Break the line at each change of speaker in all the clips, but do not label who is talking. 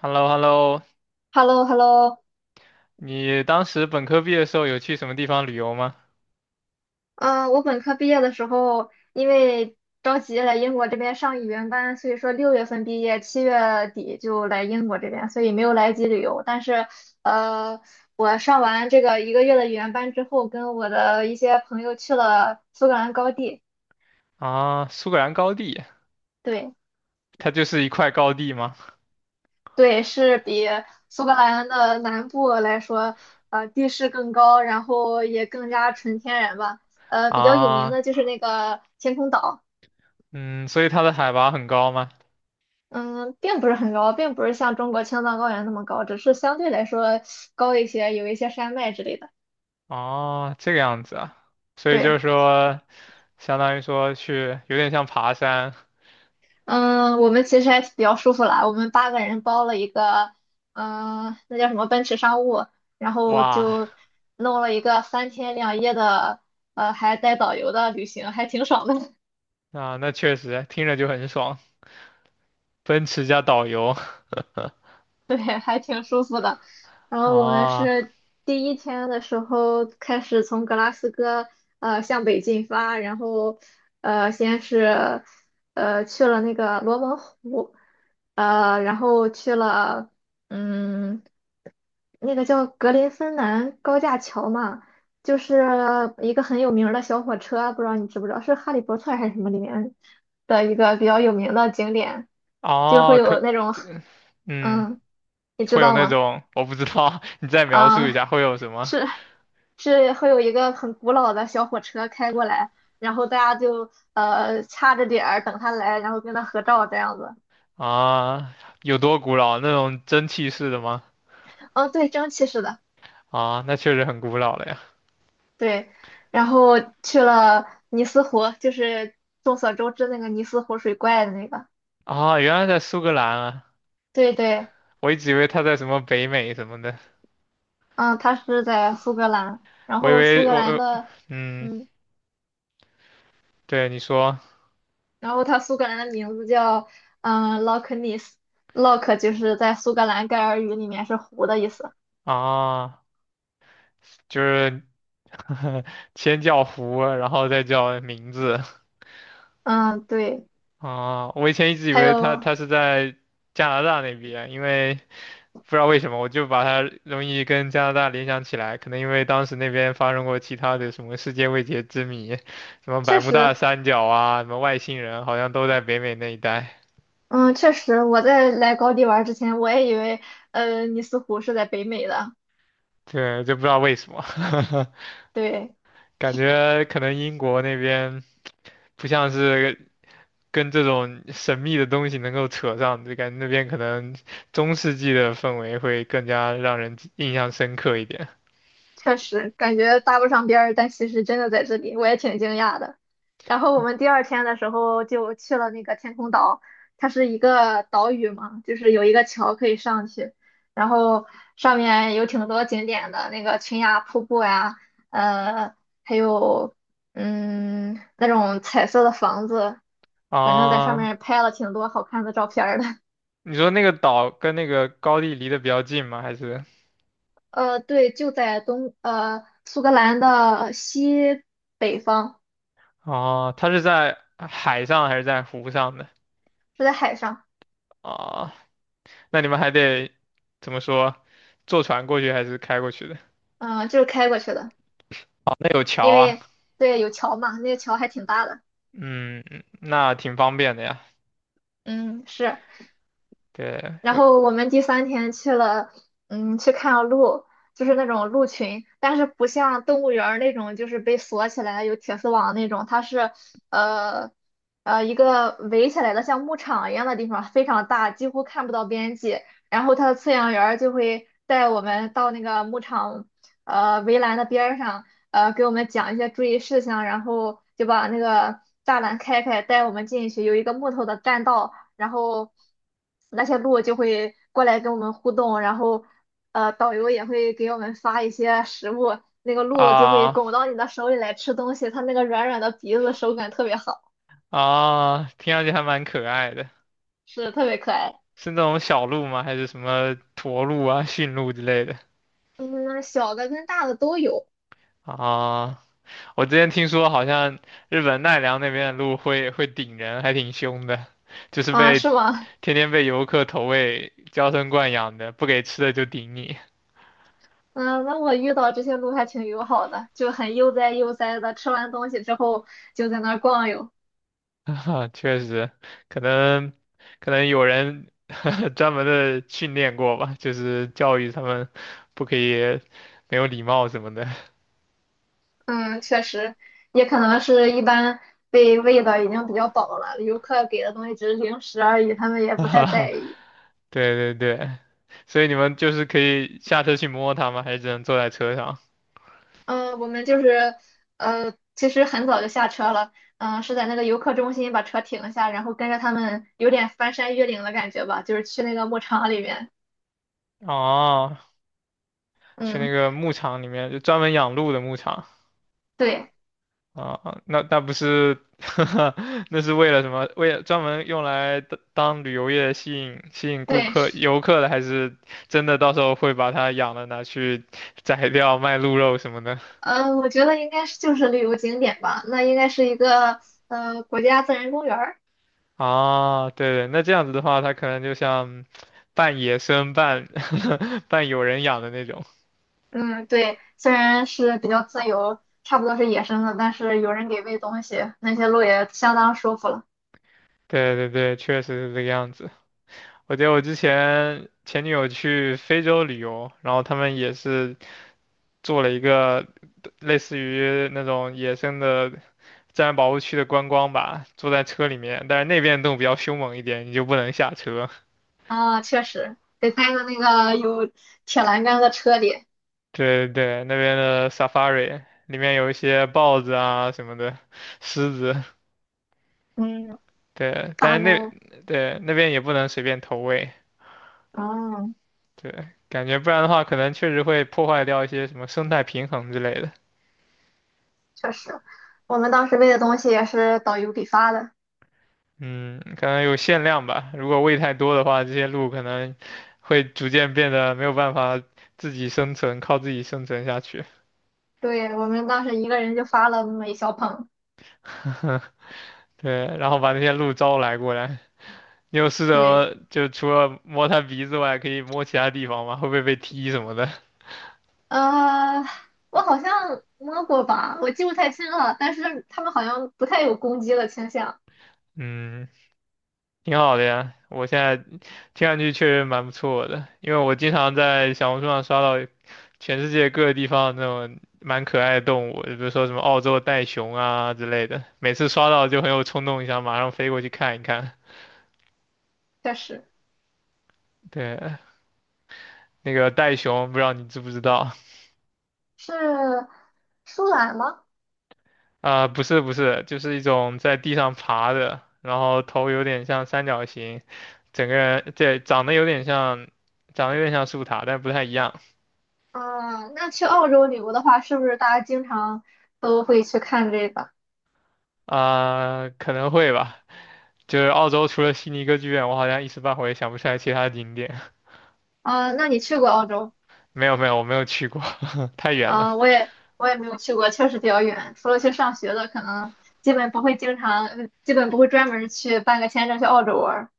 h e l l o h e l l o
h e l l o h e l l o
你当时本科毕业的时候有去什么地方旅游吗？
嗯，我本科毕业的时候，因为着急来英国这边上语言班，所以说六月份毕业，七月底就来英国这边，所以没有来及旅游。但是，呃，我上完这个一个月的语言班之后，跟我的一些朋友去了苏格兰高地。
啊，苏格兰高地，
对，
它就是一块高地吗？
对，是比苏格兰的南部来说，地势更高，然后也更加纯天然吧。比较有名
啊，
的就是那个天空岛。
嗯，所以它的海拔很高吗？
嗯，并不是很高，并不是像中国青藏高原那么高，只是相对来说高一些，有一些山脉之类的。
哦，这个样子啊，所以就是
对，
说，相当于说去有点像爬山，
嗯，我们其实还比较舒服啦，我们八个人包了一个，嗯，那叫什么奔驰商务，然后
哇，
就弄了一个三天两夜的，还带导游的旅行，还挺爽的。
啊，那确实听着就很爽，奔驰加导游，
对，还挺舒服的。然后我们
啊，
是第一天的时候开始从格拉斯哥向北进发，然后先是去了那个罗蒙湖，然后去了嗯那个叫格林芬兰高架桥嘛，就是一个很有名儿的小火车，不知道你知不知道，是《哈利波特》还是什么里面的一个比较有名的景点。就
啊，
会有那种
这，嗯，
嗯，你知
会有
道
那
吗？
种我不知道，你再描述
啊，
一下会有什么？
是是会有一个很古老的小火车开过来，然后大家就掐着点儿等他来，然后跟他合照这样子。
啊，有多古老？那种蒸汽式的吗？
嗯，对，蒸汽式的，
啊，那确实很古老了呀。
对。然后去了尼斯湖，就是众所周知那个尼斯湖水怪的那个。
啊，原来在苏格兰啊，
对对，
我一直以为它在什么北美什么的，
嗯，它是在苏格兰，然
我以
后苏
为
格
我
兰的。
嗯，
嗯。
对你说
然后它苏格兰的名字叫Loch Ness，Loch 就是在苏格兰盖尔语里面是湖的意思。
啊，就是 先叫湖，然后再叫名字
嗯，对，
啊。我以前一直以
还
为它
有
它是在加拿大那边，因为不知道为什么，我就把它容易跟加拿大联想起来，可能因为当时那边发生过其他的什么世界未解之谜，什么百
确
慕大
实，
三角啊，什么外星人，好像都在北美那一带。
嗯，确实，我在来高地玩之前，我也以为尼斯湖是在北美的。
对，就不知道为什么，
对，
感觉可能英国那边不像是跟这种神秘的东西能够扯上，就感觉那边可能中世纪的氛围会更加让人印象深刻一点
确实感觉搭不上边儿，但其实真的在这里，我也挺惊讶的。然后我们第二天的时候就去了那个天空岛，它是一个岛屿嘛，就是有一个桥可以上去，然后上面有挺多景点的，那个群崖瀑布呀，呃，还有那种彩色的房子，反正在上
啊。
面拍了挺多好看的照片儿的。
你说那个岛跟那个高地离得比较近吗？还是？
对，就在苏格兰的西北方，
哦，它是在海上还是在湖上的？
就在海上。
啊，那你们还得怎么说？坐船过去还是开过去的？
嗯，就是开过去的，
哦，那有桥
因
啊，
为对有桥嘛，那个桥还挺大的。
嗯，那挺方便的呀。
嗯，是，
对，
然
有
后我们第三天去了，嗯，去看鹿，就是那种鹿群，但是不像动物园儿那种，就是被锁起来有铁丝网那种，它是呃一个围起来的像牧场一样的地方，非常大，几乎看不到边际。然后它的饲养员儿就会带我们到那个牧场围栏的边儿上，给我们讲一些注意事项，然后就把那个栅栏开开，带我们进去，有一个木头的栈道。然后那些鹿就会过来跟我们互动，然后导游也会给我们发一些食物，那个鹿就会
啊
拱到你的手里来吃东西，它那个软软的鼻子手感特别好，
啊，听上去还蛮可爱的。
是特别可爱。
是那种小鹿吗？还是什么驼鹿啊、驯鹿之类的？
嗯，小的跟大的都有。
啊我之前听说好像日本奈良那边的鹿会顶人，还挺凶的，就是
啊，
被
是吗？
天天被游客投喂，娇生惯养的，不给吃的就顶你。
嗯，那我遇到这些鹿还挺友好的，就很悠哉悠哉的，吃完东西之后就在那儿逛悠。
啊确实，可能可能有人 专门的训练过吧，就是教育他们不可以没有礼貌什么的。
嗯，确实，也可能是一般被喂的已经比较饱了，游客给的东西只是零食而已，他们 也不太
哈
在意。
对对对，所以你们就是可以下车去摸它吗？还是只能坐在车上？
嗯，我们就是其实很早就下车了，嗯，是在那个游客中心把车停下，然后跟着他们有点翻山越岭的感觉吧，就是去那个牧场里面。
哦，去那
嗯，
个牧场里面，就专门养鹿的牧场。
对
啊，啊那不是，那是为了什么？为了专门用来当旅游业吸引吸引顾
对，
客游客的，还是真的到时候会把它养了拿去宰掉卖鹿肉什么的？
嗯，我觉得应该是就是旅游景点吧，那应该是一个国家自然公园儿。
啊，对对，那这样子的话，它可能就像半野生半有人养的那种。
嗯，对，虽然是比较自由，差不多是野生的，但是有人给喂东西，那些鹿也相当舒服了。
对对对，确实是这个样子。我记得我之前前女友去非洲旅游，然后他们也是做了一个类似于那种野生的自然保护区的观光吧，坐在车里面，但是那边的动物比较凶猛一点，你就不能下车。
啊，确实，得待在那个有铁栏杆的车里。
对对，那边的 safari 里面有一些豹子啊什么的，狮子，
嗯，
对，但
大
是
猫，
那对那边也不能随便投喂，
嗯，
对，感觉不然的话，可能确实会破坏掉一些什么生态平衡之类的。
确实，我们当时喂的东西也是导游给发的。
嗯，可能有限量吧，如果喂太多的话，这些鹿可能会逐渐变得没有办法自己生存，靠自己生存下去。
对，我们当时一个人就发了那么一小捧。
对，然后把那些鹿招来过来。你有试
对，
着就除了摸它鼻子外，可以摸其他地方吗？会不会被踢什么的？
呃，我好像摸过吧，我记不太清了，但是他们好像不太有攻击的倾向，
嗯，挺好的呀。我现在听上去确实蛮不错的，因为我经常在小红书上刷到全世界各个地方那种蛮可爱的动物，比如说什么澳洲袋熊啊之类的。每次刷到就很有冲动，想马上飞过去看一看。
确实。
对，那个袋熊，不知道你知不知道？
是舒兰吗？
啊、不是不是，就是一种在地上爬的，然后头有点像三角形，整个人对长得有点像树塔，但不太一样
嗯，那去澳洲旅游的话，是不是大家经常都会去看这个？
啊、可能会吧。就是澳洲除了悉尼歌剧院，我好像一时半会也想不出来其他景点。
啊，那你去过澳洲？
没有没有，我没有去过，太远了。
啊，我也没有去过，确实比较远。除了去上学的，可能基本不会经常，基本不会专门去办个签证去澳洲玩儿。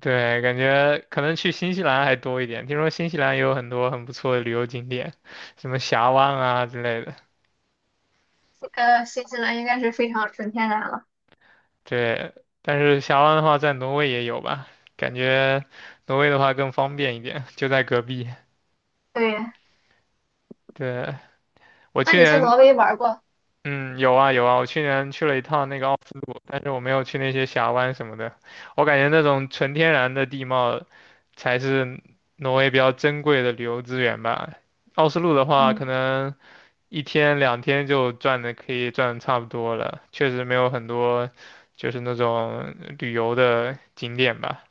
对，感觉可能去新西兰还多一点。听说新西兰也有很多很不错的旅游景点，什么峡湾啊之类的。
新西兰应该是非常纯天然了。
对，但是峡湾的话，在挪威也有吧？感觉挪威的话更方便一点，就在隔壁。
对，
对，我
那
去
你去
年，
挪威玩儿过？
嗯，有啊有啊，我去年去了一趟那个奥斯陆，但是我没有去那些峡湾什么的。我感觉那种纯天然的地貌才是挪威比较珍贵的旅游资源吧。奥斯陆的话，
嗯，
可能一天两天就可以转的差不多了，确实没有很多就是那种旅游的景点吧。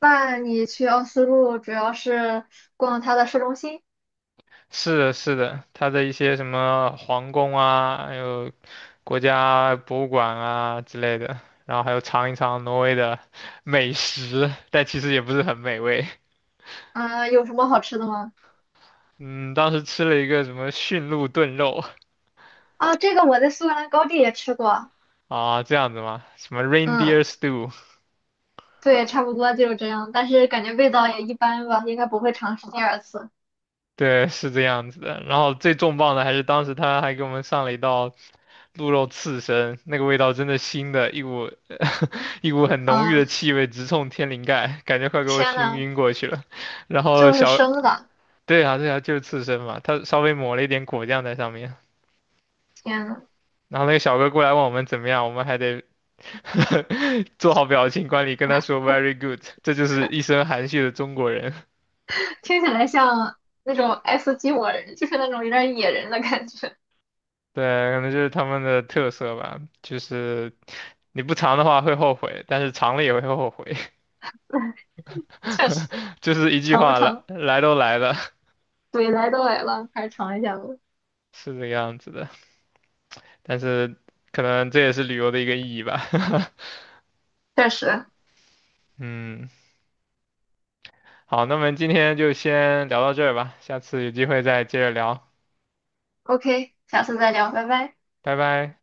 那你去奥斯陆主要是逛它的市中心。
是的，是的，它的一些什么皇宫啊，还有国家博物馆啊之类的，然后还有尝一尝挪威的 美食，但其实也不是很美味。
嗯，有什么好吃的吗？
嗯，当时吃了一个什么驯鹿炖肉
啊，这个我在苏格兰高地也吃过，
啊，这样子吗？什么 reindeer
嗯，
stew，
对，差不多就是这样，但是感觉味道也一般吧，应该不会尝试第二次。
对，是这样子的。然后最重磅的还是当时他还给我们上了一道鹿肉刺身，那个味道真的腥的，一股一股很浓郁的
啊，
气味直冲天灵盖，感觉快给我
天
熏
呐，
晕过去了。然后
就是生的，
对啊，对啊，就是刺身嘛，他稍微抹了一点果酱在上面。
天呐，
然后那个小哥过来问我们怎么样，我们还得 做好表情管理，跟他说 very good。这就是一身含蓄的中国人，
听起来像那种爱斯基摩人，就是那种有点野人的感觉，
对，可能就是他们的特色吧。就是你不尝的话会后悔，但是尝了也会后悔。
确实，
就是一句
尝不
话，来
尝？
来都来了，
对，来都来了，还是尝一下吧，
是这个样子的。但是可能这也是旅游的一个意义吧。
确实。
嗯，好，那么今天就先聊到这儿吧，下次有机会再接着聊，
OK，下次再聊，拜拜。
拜拜。